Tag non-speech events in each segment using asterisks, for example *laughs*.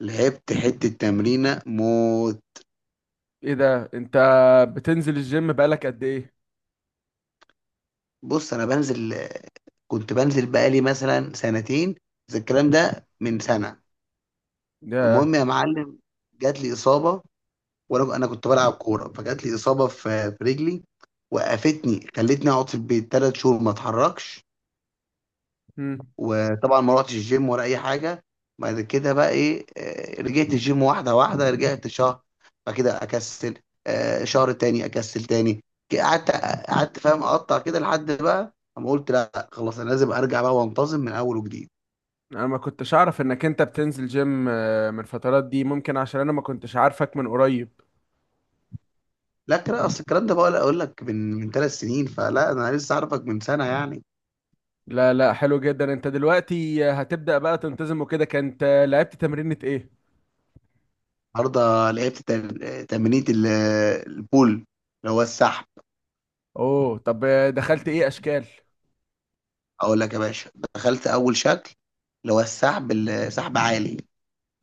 لعبت حتة تمرينة موت. ايه ده؟ انت بتنزل الجيم بقالك قد ايه؟ بص، أنا بنزل، كنت بنزل بقالي مثلا سنتين، بس الكلام ده من سنة. ده. المهم يا معلم، جات لي إصابة. وأنا كنت بلعب كورة فجات لي إصابة في رجلي. وقفتني، خلتني أقعد في البيت 3 شهور ما أتحركش. مم. وطبعا ما رحتش الجيم ولا اي حاجه. بعد كده بقى ايه، رجعت الجيم واحده واحده، رجعت شهر. بعد كده اكسل. شهر تاني اكسل تاني. قعدت، قعدت فاهم اقطع كده لحد بقى اما قلت لا خلاص انا لازم ارجع بقى وانتظم من اول وجديد. انا ما كنتش اعرف انك انت بتنزل جيم من الفترات دي، ممكن عشان انا ما كنتش عارفك من قريب. لا، كده اصل الكلام ده بقى اقول لك من 3 سنين، فلا انا لسه عارفك من سنه يعني. لا، لا، حلو جدا. انت دلوقتي هتبدأ بقى تنتظم وكده. كانت لعبت تمرينة ايه؟ النهارده لعبت تمرينة البول اللي هو السحب. اوه، طب دخلت ايه اشكال؟ اقول لك يا باشا دخلت اول شكل اللي هو السحب عالي.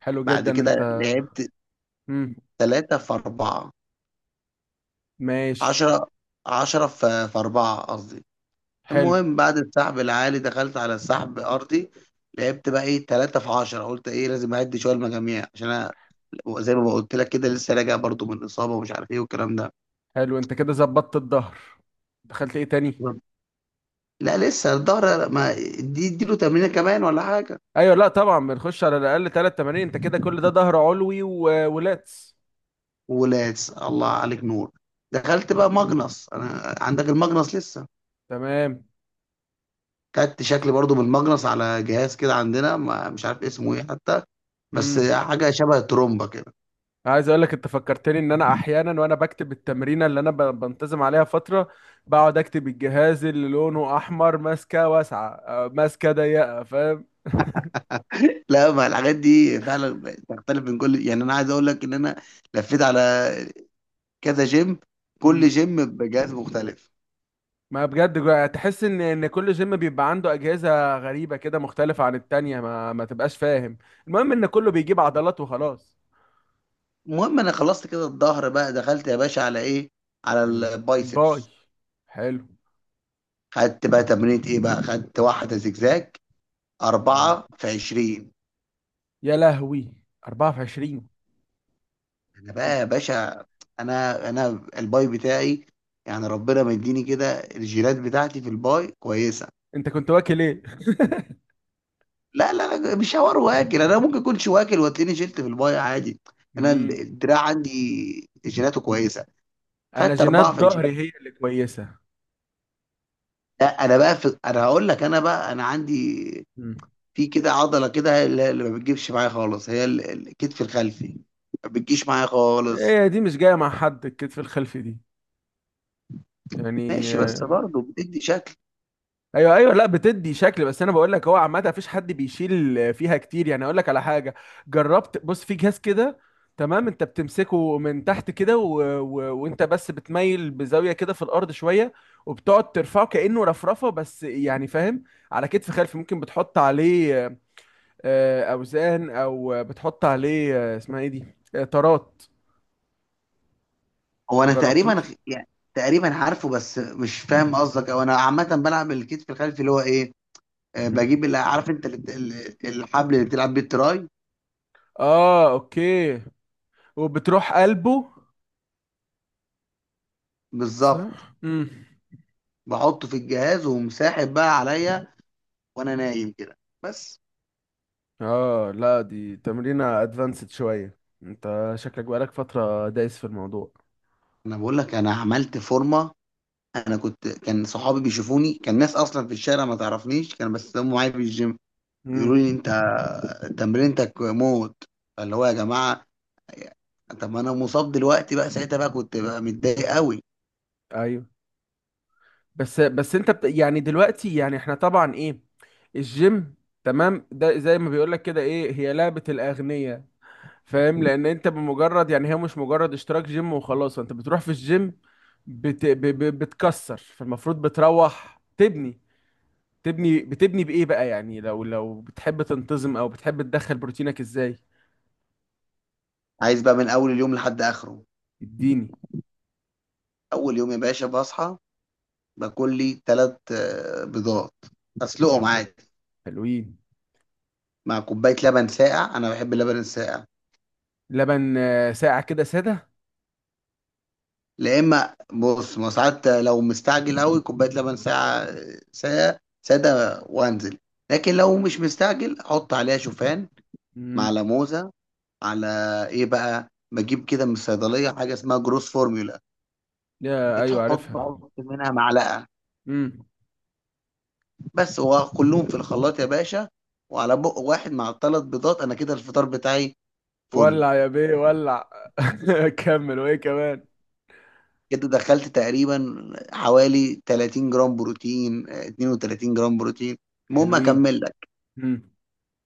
حلو بعد جدا انت. كده لعبت مم. تلاتة في أربعة. ماشي. عشرة، عشرة في أربعة قصدي. حلو. المهم بعد السحب العالي دخلت على السحب أرضي. لعبت بقى إيه تلاتة في عشرة، قلت إيه لازم أعد شوية المجاميع عشان أنا زي ما قلت لك كده لسه راجع برضو من إصابة ومش عارف إيه والكلام ده. حلو، انت كده ظبطت الظهر. دخلت ايه تاني؟ لا لسه الظهر ما، دي اديله تمرينه كمان ولا حاجه. ايوه، لا، طبعا بنخش على الاقل ثلاث تمارين. انت كده كل ده ظهر علوي ولاتس. ولاس، الله عليك، نور. دخلت بقى ماجنس، انا عندك الماجنس لسه؟ تمام. خدت شكل برضو بالماجنس على جهاز كده عندنا ما مش عارف اسمه ايه حتى، بس امم. حاجه شبه ترومبا كده. عايز اقول لك، انت فكرتني ان انا احيانا وانا بكتب التمرينه اللي انا بنتظم عليها فتره، بقعد اكتب الجهاز اللي لونه احمر، ماسكه واسعه، ماسكه ضيقه، فاهم؟ *laughs* لا ما الحاجات دي فعلا تختلف من كل يعني، انا عايز اقول لك ان انا لفيت على كذا جيم، كل امم. جيم بجهاز مختلف. ما بجد، تحس ان كل جيم بيبقى عنده اجهزه غريبه كده مختلفه عن التانية، ما تبقاش فاهم. المهم ان كله بيجيب عضلات وخلاص. المهم انا خلصت كده الظهر بقى، دخلت يا باشا على ايه؟ على الباي. البايسبس. حلو. خدت بقى تمرينة ايه بقى؟ خدت واحده زجزاج، مم. أربعة في عشرين. يا لهوي. 24. انا بقى يا باشا، انا الباي بتاعي يعني ربنا مديني كده، الجينات بتاعتي في الباي كويسه. انت كنت واكل ايه؟ *laughs* لا لا لا، مش حوار واكل، انا ممكن اكونش واكل وتلاقيني شلت في المايه عادي. انا امم. الدراع عندي جيناته كويسه. انا خدت جينات ظهري 24. هي اللي كويسه. لا انا بقى في... انا هقول لك، انا بقى انا عندي مم. في كده عضله كده هي اللي ما بتجيبش معايا خالص، هي الكتف الخلفي، ما بتجيش معايا خالص. هي دي مش جايه مع حد، الكتف الخلفي دي. يعني ماشي، بس برضه بتدي شكل. ايوه، ايوه، لا، بتدي شكل، بس انا بقول لك، هو عامه مفيش حد بيشيل فيها كتير. يعني اقول لك على حاجه، جربت، بص في جهاز كده، تمام. انت بتمسكه من تحت كده، وانت بس بتميل بزاويه كده في الارض شويه، وبتقعد ترفعه كانه رفرفه بس، يعني فاهم؟ على كتف خلفي، ممكن بتحط عليه اوزان، او بتحط عليه اسمها ايه دي، طارات. هو ما انا تقريبا جربتوش. يعني تقريبا عارفه، بس مش فاهم قصدك، او انا عامه بلعب الكتف الخلفي اللي هو ايه. مم. بجيب اللي عارف انت الحبل اللي بتلعب بيه التراي. اه، اوكي. وبتروح قلبه. بالظبط، صح. امم. بحطه في الجهاز ومساحب بقى عليا وانا نايم كده بس. اه، لا، دي تمرينة ادفانسد شوية. انت شكلك بقالك فترة دايس في الموضوع. انا بقول لك انا عملت فورمه. انا كنت كان صحابي بيشوفوني، كان ناس اصلا في الشارع ما تعرفنيش، كانوا بس هم معايا في الجيم، يقولوا امم. لي انت تمرينتك موت. فاللي هو يا جماعه، طب ما انا مصاب دلوقتي بقى، ساعتها بقى كنت بقى متضايق قوي. ايوه، بس انت يعني دلوقتي، يعني احنا طبعا ايه الجيم، تمام، ده زي ما بيقولك كده، ايه هي لعبة الاغنياء. فاهم؟ لان انت بمجرد، يعني هي مش مجرد اشتراك جيم وخلاص، انت بتروح في الجيم بتكسر، فالمفروض بتروح تبني. بتبني بايه بقى؟ يعني لو بتحب تنتظم، او بتحب تدخل بروتينك ازاي. عايز بقى من اول اليوم لحد اخره. اديني. اول يوم يا باشا بصحى، باكل لي ثلاث بيضات، اسلقهم عادي، حلوين. مع كوبايه لبن ساقع، انا بحب اللبن الساقع. لبن ساقع كده ساده. لا اما بص، ما ساعات لو مستعجل قوي كوبايه لبن ساعه، ساعه ساده، وانزل. لكن لو مش مستعجل احط عليها شوفان، مع امم. لموزه، على ايه بقى؟ بجيب كده من الصيدليه حاجه اسمها جروس فورمولا. يا ايوه، عارفها. بحط منها معلقه، امم. بس هو كلهم في الخلاط يا باشا. وعلى بق واحد مع الثلاث بيضات، انا كده الفطار بتاعي. فل. ولع يا بيه، ولع. *laughs* كمل، وايه كمان؟ كده دخلت تقريبا حوالي 30 جرام بروتين، 32 جرام بروتين. المهم حلوين. اكمل. امم.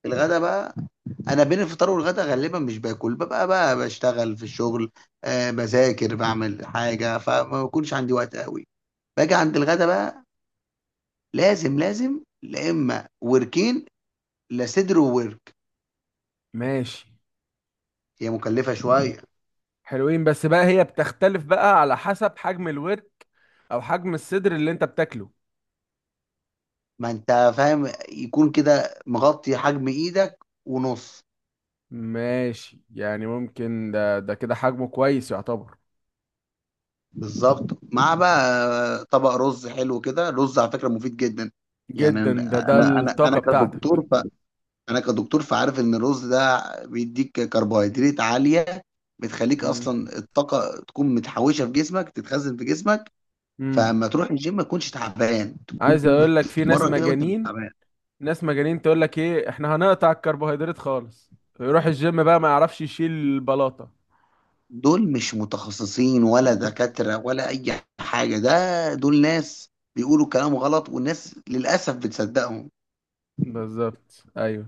الغدا بقى، انا بين الفطار والغدا غالبا مش باكل، ببقى بقى بشتغل في الشغل، آه بذاكر بعمل حاجه، فما بكونش عندي وقت قوي. باجي عند الغدا بقى، لازم لازم لا اما وركين، لا صدر وورك. ماشي. هي مكلفه شويه. حلوين، بس بقى هي بتختلف بقى على حسب حجم الورك او حجم الصدر اللي انت بتاكله. ما انت فاهم يكون كده مغطي حجم ايدك ونص. ماشي، يعني ممكن ده كده حجمه كويس يعتبر. بالظبط، مع بقى طبق رز حلو كده، رز على فكره مفيد جدا. يعني جدا. ده انا ده انا انا أنا الطاقة بتاعتك. كدكتور، انا كدكتور فعارف ان الرز ده بيديك كربوهيدرات عاليه، بتخليك امم. اصلا الطاقه تكون متحوشه في جسمك، تتخزن في جسمك. امم. فما تروح الجيم ما تكونش تعبان، عايز تكون اقول لك، في ناس بتتمرن كده وانت مش مجانين. تعبان. ناس مجانين تقول لك ايه، احنا هنقطع الكربوهيدرات خالص، يروح الجيم بقى ما يعرفش يشيل البلاطة. دول مش متخصصين ولا دكاتره ولا اي حاجه، ده دول ناس بيقولوا كلام غلط، والناس للاسف بتصدقهم. بالظبط، ايوه.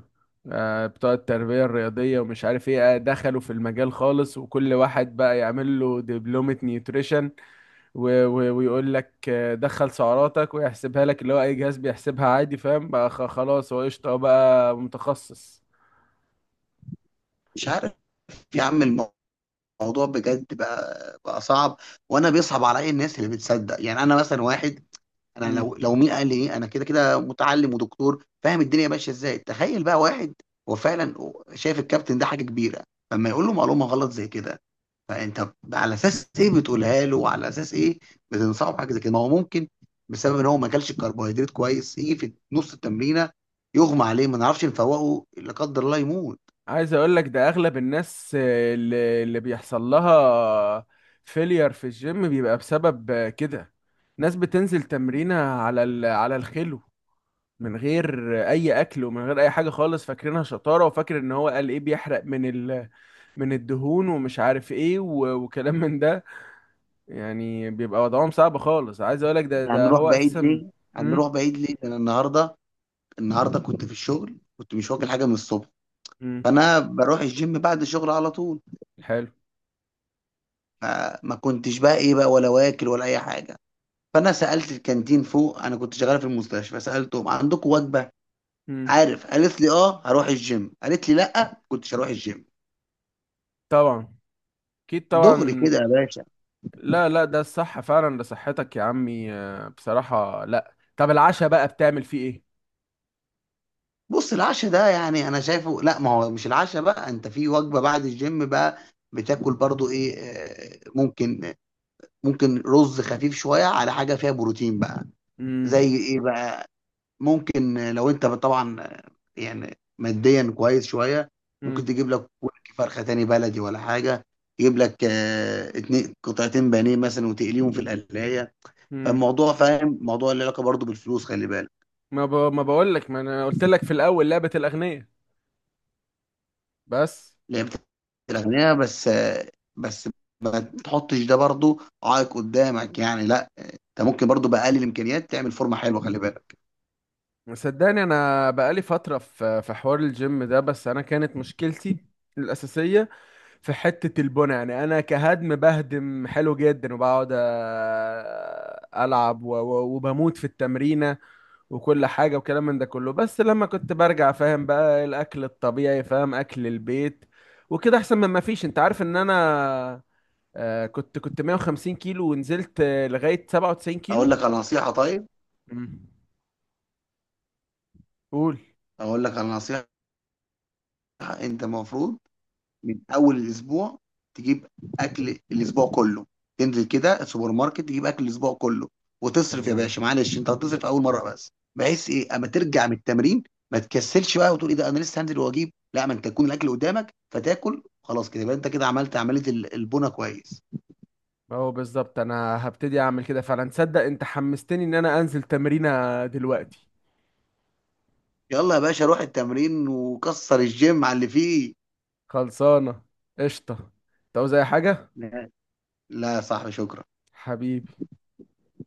آه، بتوع التربية الرياضية ومش عارف ايه، دخلوا في المجال خالص، وكل واحد بقى يعمل له دبلومة نيوتريشن، و و ويقول لك دخل سعراتك ويحسبها لك، اللي هو اي جهاز بيحسبها عادي، فاهم؟ بقى خلاص، هو قشطة، هو بقى متخصص. مش عارف يا عم، الموضوع بجد بقى صعب. وانا بيصعب عليا الناس اللي بتصدق، يعني انا مثلا واحد، انا لو مين قال لي إيه؟ انا كده كده متعلم ودكتور فاهم الدنيا ماشيه ازاي. تخيل بقى واحد هو فعلا شايف الكابتن ده حاجه كبيره، فما يقول له معلومه غلط زي كده، فانت على اساس ايه بتقولها له؟ وعلى اساس ايه بتنصحه بحاجه زي كده؟ ما هو ممكن بسبب ان هو ما اكلش الكربوهيدرات كويس، يجي في نص التمرينه يغمى عليه، ما نعرفش نفوقه، لا قدر الله يموت. عايز اقول لك، ده اغلب الناس اللي بيحصل لها فيلير في الجيم بيبقى بسبب كده. ناس بتنزل تمرينها على على الخلو، من غير اي اكل، ومن غير اي حاجه خالص، فاكرينها شطاره، وفاكر ان هو قال ايه بيحرق من من الدهون ومش عارف ايه، وكلام من ده. يعني بيبقى وضعهم صعب خالص. عايز اقول لك ده، احنا ده هنروح هو بعيد اساسا. ليه؟ امم. هنروح بعيد ليه؟ ده انا النهارده، النهارده كنت في الشغل، كنت مش واكل حاجه من الصبح. امم. فانا بروح الجيم بعد الشغل على طول، حلو. ما كنتش بقى ايه بقى، ولا واكل ولا اي حاجه. فانا سالت الكانتين فوق، انا كنت شغال في المستشفى، سالتهم عندكم وجبه، امم. عارف؟ قالت لي اه. هروح الجيم؟ قالت لي لا كنتش. هروح الجيم طبعا. اكيد، دغري طبعا. كده يا باشا. لا، لا، ده الصح فعلا، ده صحتك يا عمي بصراحة. لا، طب العشاء بقى بتعمل فيه ايه؟ بص العشاء ده يعني انا شايفه، لا ما هو مش العشاء بقى، انت في وجبه بعد الجيم بقى بتاكل برضو ايه، ممكن، ممكن رز خفيف شويه على حاجه فيها بروتين بقى. امم. زي ايه بقى؟ ممكن لو انت طبعا يعني ماديا كويس شويه، ممكن امم. تجيب لك ورك فرخه تاني بلدي ولا حاجه، تجيب لك اتنين قطعتين بانيه مثلا، وتقليهم في القلايه. امم. فالموضوع فاهم موضوع اللي علاقه برضه بالفلوس، خلي بالك. ما بقول لك، ما انا قلت لك في الاول لعبة الاغنياء. بس. لعبه الاغنياء بس، بس ما تحطش ده برضه عائق قدامك، يعني لا، انت ممكن برضه باقل الامكانيات تعمل فورمه حلوه، خلي بالك. صدقني انا بقالي فترة في حوار الجيم ده، بس انا كانت مشكلتي الأساسية في حتة البنى. يعني أنا كهدم بهدم حلو جدا، وبقعد ألعب وبموت في التمرينة وكل حاجة وكلام من ده كله. بس لما كنت برجع فاهم بقى، الأكل الطبيعي، فاهم؟ أكل البيت وكده أحسن من ما فيش. أنت عارف إن أنا كنت 150 كيلو ونزلت لغاية 97 اقول كيلو. لك على نصيحه، طيب مم. قول. اقول لك على نصيحه، انت المفروض من اول الاسبوع تجيب اكل الاسبوع كله، تنزل كده السوبر ماركت، تجيب اكل الاسبوع كله وتصرف يا تمام، باشا، معلش انت هتصرف اول مره، بس بحيث ايه اما ترجع من التمرين ما تكسلش بقى وتقول ايه ده انا لسه هنزل واجيب، لا، ما انت يكون الاكل قدامك فتاكل خلاص، كده يبقى انت كده عملت عمليه البونه كويس. اهو بالظبط، انا هبتدي اعمل كده فعلا. تصدق انت حمستني ان انا انزل تمرينة دلوقتي. يلا يا باشا روح التمرين وكسر الجيم على اللي فيه. خلصانة. قشطة، انت عاوز اي حاجة؟ لا، لا يا صاحبي شكرا. حبيبي.